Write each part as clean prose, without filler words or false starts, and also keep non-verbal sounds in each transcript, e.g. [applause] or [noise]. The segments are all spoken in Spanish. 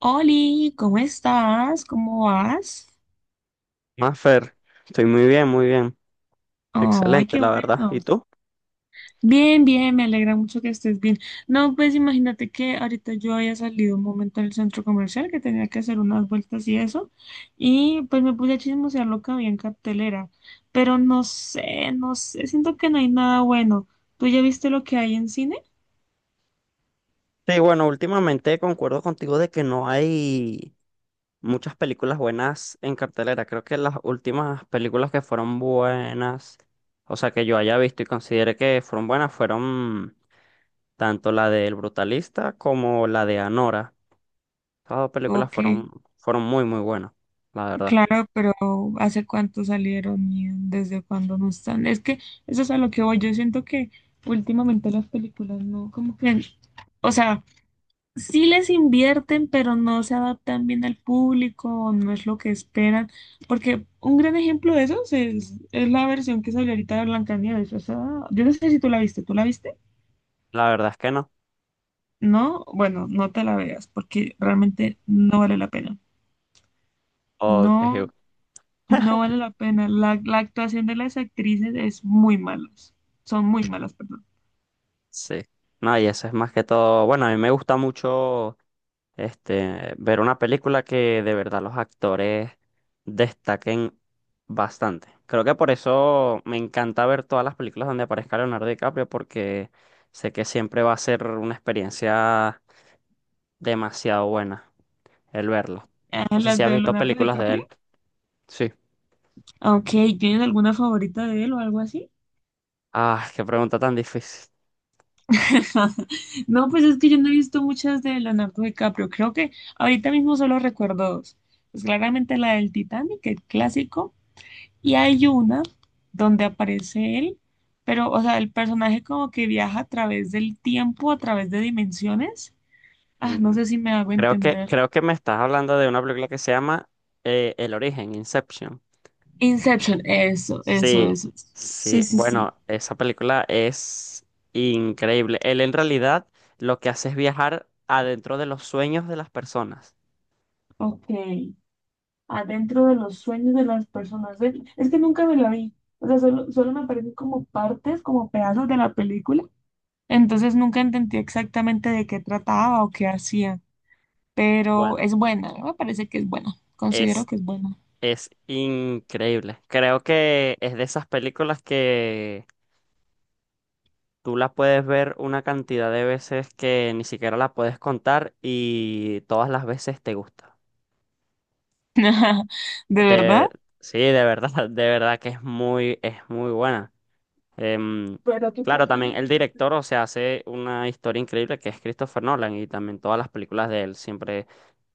Oli, ¿cómo estás? ¿Cómo vas? Mafer, estoy muy bien, muy bien. Ay, Excelente, qué la verdad. bueno. ¿Y tú? Bien, bien, me alegra mucho que estés bien. No, pues imagínate que ahorita yo había salido un momento al centro comercial que tenía que hacer unas vueltas y eso, y pues me puse a chismosear lo que había en cartelera, pero no sé, siento que no hay nada bueno. ¿Tú ya viste lo que hay en cine? Sí, bueno, últimamente concuerdo contigo de que no hay muchas películas buenas en cartelera. Creo que las últimas películas que fueron buenas, o sea, que yo haya visto y considere que fueron buenas, fueron tanto la de El Brutalista como la de Anora. Estas dos películas Ok. fueron, fueron muy buenas, la verdad. Claro, pero ¿hace cuánto salieron y desde cuándo no están? Es que eso es a lo que voy. Yo siento que últimamente las películas no, como que, o sea, sí les invierten, pero no se adaptan bien al público, no es lo que esperan. Porque un gran ejemplo de eso es la versión que salió ahorita de Blancanieves. O sea, yo no sé si tú la viste, ¿tú la viste? La verdad es que no. No, bueno, no te la veas porque realmente no vale la pena. Ok, No. No vale la pena. La actuación de las actrices es muy malas. Son muy malas, perdón. sí. No, y eso es más que todo. Bueno, a mí me gusta mucho. Este, ver una película que de verdad los actores destaquen bastante. Creo que por eso me encanta ver todas las películas donde aparezca Leonardo DiCaprio, porque sé que siempre va a ser una experiencia demasiado buena el verlo. Ah, No sé si las has de visto Leonardo películas de él. DiCaprio. Sí. Ok, ¿tienes alguna favorita de él o algo así? Ah, qué pregunta tan difícil. [laughs] No, pues es que yo no he visto muchas de Leonardo DiCaprio. Creo que ahorita mismo solo recuerdo dos. Pues claramente la del Titanic, el clásico, y hay una donde aparece él, pero, o sea, el personaje como que viaja a través del tiempo, a través de dimensiones. Ah, no Mm, sé si me hago Creo que, entender. creo que me estás hablando de una película que se llama El Origen, Inception. Inception, eso, eso, Sí, eso. Sí, sí. sí, sí. Bueno, esa película es increíble. Él en realidad lo que hace es viajar adentro de los sueños de las personas. Ok. Adentro de los sueños de las personas. Ve, es que nunca me la vi. O sea, solo me aparecen como partes, como pedazos de la película. Entonces nunca entendí exactamente de qué trataba o qué hacía. Pero Bueno, es buena, ¿no? Me parece que es buena. Considero es, que es buena. es increíble. Creo que es de esas películas que tú la puedes ver una cantidad de veces que ni siquiera la puedes contar y todas las veces te gusta. [laughs] ¿De verdad? De, sí, de verdad, [laughs] de verdad que es muy buena. Em, Pero tú te claro, también acuerdas el de qué tra- director, o sea, hace una historia increíble que es Christopher Nolan y también todas las películas de él siempre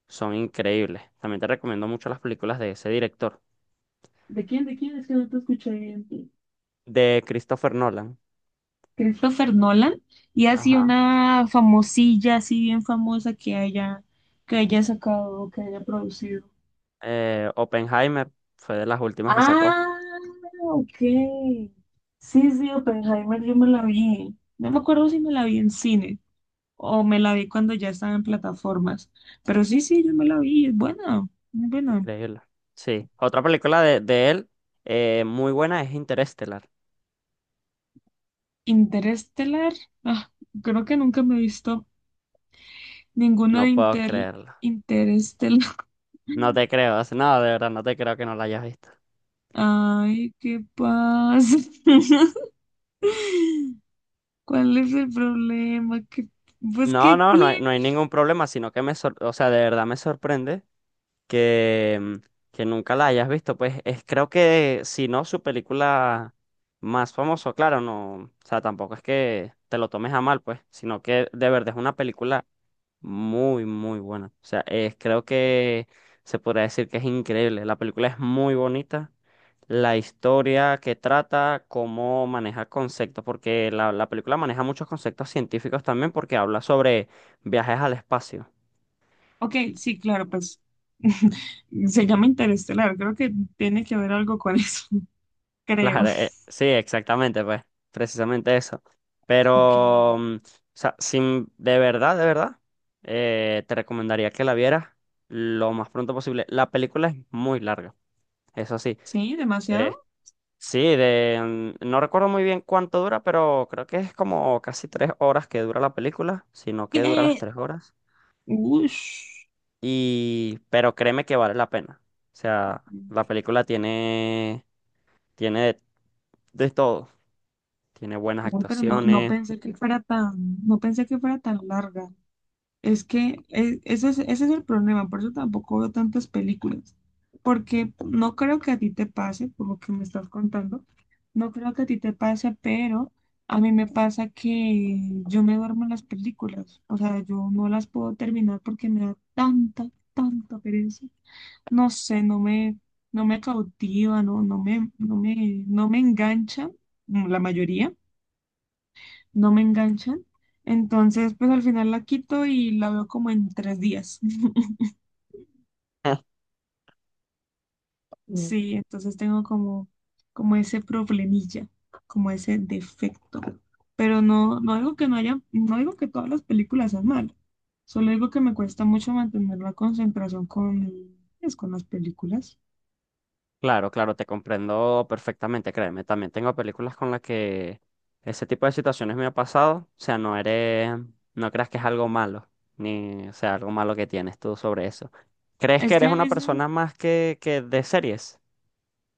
son increíbles. También te recomiendo mucho las películas de ese director, ¿De quién? ¿De quién? Es que no te escuché bien. de Christopher Nolan. Christopher Nolan y así Ajá. una famosilla, así bien famosa que haya sacado, que haya producido. Oppenheimer fue de las últimas que sacó. Ah, ok. Sí, sí, Oppenheimer, yo me la vi. No me acuerdo si me la vi en cine o me la vi cuando ya estaba en plataformas. Pero sí, sí, yo me la vi. Es buena, muy buena. Increíble. Sí, otra película de él muy buena es Interestelar. Interestelar. Ah, creo que nunca me he visto ninguna No de puedo creerlo. Interestelar. No [laughs] te creo, no, de verdad, no te creo que no la hayas visto. Ay, ¿qué pasa? [laughs] ¿Cuál es el problema? ¿Qué- pues, No, ¿qué no hay, tiene? no hay ningún problema, sino que o sea, de verdad me sorprende que, que nunca la hayas visto. Pues es, creo que si no, su película más famosa, claro, no, o sea, tampoco es que te lo tomes a mal, pues, sino que de verdad es una película muy buena. O sea, es, creo que se podría decir que es increíble. La película es muy bonita. La historia que trata, cómo maneja conceptos, porque la película maneja muchos conceptos científicos también, porque habla sobre viajes al espacio. Ok, sí, claro, pues [laughs] se llama Interestelar. Creo que tiene que ver algo con eso, [laughs] creo. Claro, sí, exactamente, pues, precisamente eso. Ok, Pero, o sea, sin, de verdad, te recomendaría que la vieras lo más pronto posible. La película es muy larga, eso sí. sí, Eh, demasiado. sí, no recuerdo muy bien cuánto dura, pero creo que es como casi 3 horas que dura la película, sino que dura las ¿Qué? tres horas. Ush. Y, pero créeme que vale la pena. O sea, la película tiene, tiene de todo. Tiene buenas Uy, pero no, no actuaciones. pensé que fuera tan, no pensé que fuera tan larga. Es que ese es el problema, por eso tampoco veo tantas películas, porque no creo que a ti te pase, por lo que me estás contando, no creo que a ti te pase, pero a mí me pasa que yo me duermo en las películas, o sea, yo no las puedo terminar porque me da tanta, tanta pereza. No sé, no me cautiva, no me engancha, la mayoría no me enganchan. Entonces, pues al final la quito y la veo como en tres días. [laughs] Mm. Sí, entonces tengo como, como ese problemilla, como ese defecto. Pero no, no digo que no haya, no digo que todas las películas sean malas. Solo digo que me cuesta mucho mantener la concentración con, pues, con las películas. Claro, claro, te comprendo perfectamente, créeme. También tengo películas con las que ese tipo de situaciones me ha pasado. O sea, no eres, no creas que es algo malo, ni, o sea, algo malo que tienes tú sobre eso. ¿Crees que Es que eres a una veces persona más que de series?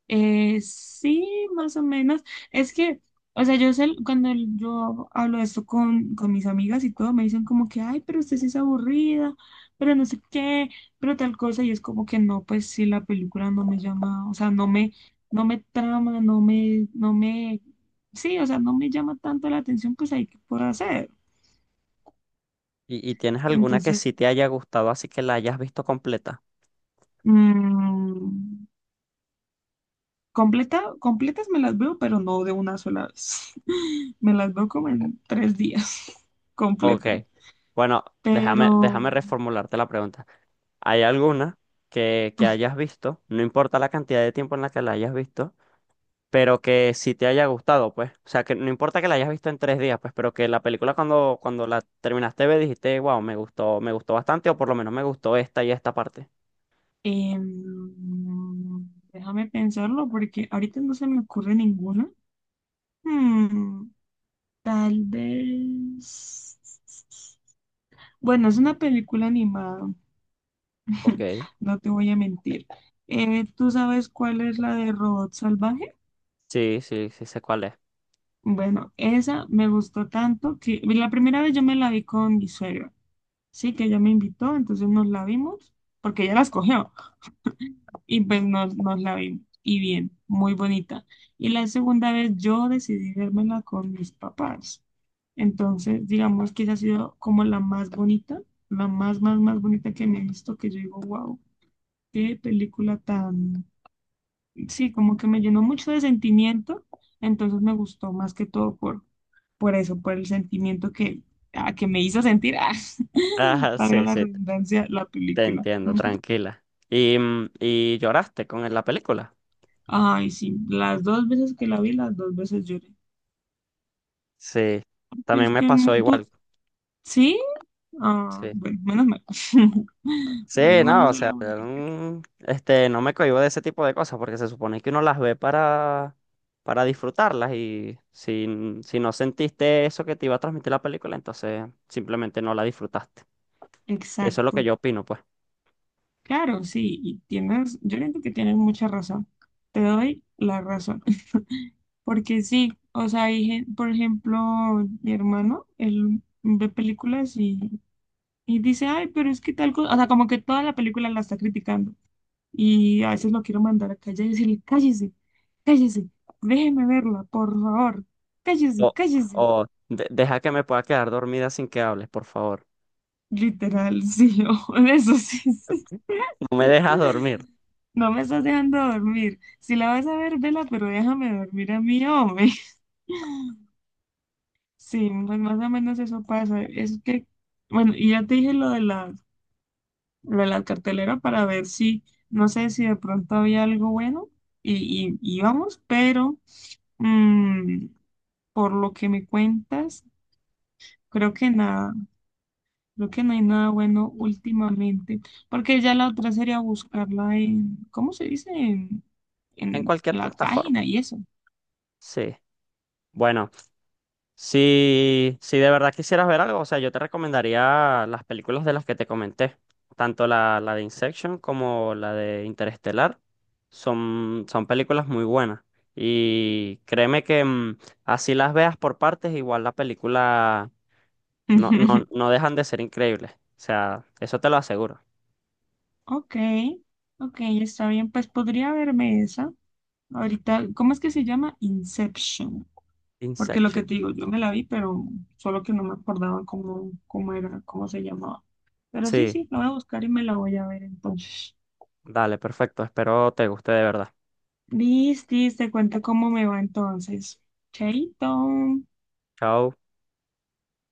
Sí, más o menos. Es que, o sea, yo sé, cuando yo hablo de esto con mis amigas y todo, me dicen como que, ay, pero usted sí es aburrida, pero no sé qué, pero tal cosa, y es como que no, pues sí, la película no me llama, o sea, no me trama, no me, no me, sí, o sea, no me llama tanto la atención, pues hay que por hacer. ¿Y tienes alguna que Entonces, sí te haya gustado, así que la hayas visto completa? mm, completa, completas me las veo, pero no de una sola vez. Me las veo como en tres días [laughs] Ok. completas. Bueno, Pero déjame reformularte la pregunta. ¿Hay alguna que hayas visto? No importa la cantidad de tiempo en la que la hayas visto pero que si te haya gustado, pues. O sea, que no importa que la hayas visto en 3 días, pues, pero que la película cuando la terminaste de ver dijiste, wow, me gustó bastante, o por lo menos me gustó esta y esta parte. em, déjame pensarlo porque ahorita no se me ocurre ninguna. Hmm, tal vez. Bueno, es una película animada, Ok, [laughs] no te voy a mentir. ¿Tú sabes cuál es la de Robot Salvaje? Sí sé cuál es. Bueno, esa me gustó tanto que la primera vez yo me la vi con mi suegra, sí, que ella me invitó, entonces nos la vimos porque ella la escogió. Y pues nos la vimos. Y bien, muy bonita. Y la segunda vez yo decidí vérmela con mis papás. Entonces, digamos que esa ha sido como la más bonita, la más bonita que me he visto, que yo digo, wow, qué película tan... Sí, como que me llenó mucho de sentimiento, entonces me gustó más que todo por eso, por el sentimiento que, ah, que me hizo sentir, [laughs] ah, Ajá, valga sí, la sí, redundancia, la te película. entiendo, tranquila. Y lloraste con la película. Ay, sí, las dos veces que la vi, las dos veces lloré. Sí, Pero también es me que es pasó muy- ¿Tú? igual. ¿Sí? Ah, Sí. bueno, menos mal. [laughs] Sí, Menos mal no, no o soy sea, la única. Este, no me cohíbo de ese tipo de cosas porque se supone que uno las ve para disfrutarlas y si, si no sentiste eso que te iba a transmitir la película, entonces simplemente no la disfrutaste. Que eso es lo que Exacto. yo opino, pues. Claro, sí, y tienes, yo creo que tienes mucha razón. Te doy la razón. [laughs] Porque sí, o sea, hay gen- por ejemplo, mi hermano, él ve películas y dice, ay, pero es que tal cosa, o sea, como que toda la película la está criticando. Y a veces lo quiero mandar a callar y decirle, cállese, cállese, déjeme verla, por favor, O, cállese, cállese. Deja que me pueda quedar dormida sin que hables, por favor. Literal, sí, [laughs] o eso sí, sí. [laughs] No me dejas dormir. No me estás dejando dormir. Si la vas a ver, vela, pero déjame dormir a mí, hombre. Sí, pues más o menos eso pasa. Es que, bueno, y ya te dije lo de la cartelera para ver si, no sé si de pronto había algo bueno y vamos, pero mm, por lo que me cuentas, creo que nada, creo que no hay nada bueno últimamente, porque ya la otra sería buscarla en, ¿cómo se dice? En En cualquier la plataforma. página y eso. Sí. Bueno. Si, si de verdad quisieras ver algo, o sea, yo te recomendaría las películas de las que te comenté, tanto la de Inception como la de Interestelar, son películas muy buenas. Y créeme que así las veas por partes, igual la película [laughs] no dejan de ser increíbles. O sea, eso te lo aseguro. Ok, ok, está bien, pues podría verme esa. Ahorita, ¿cómo es que se llama? Inception. Porque lo que Inception. te digo, yo me la vi, pero solo que no me acordaba cómo, cómo era, cómo se llamaba. Pero sí, Sí, sí, la voy a buscar y me la voy a ver entonces. dale, perfecto. Espero te guste de verdad. Listis, te cuento cómo me va entonces. Chaito. Chao.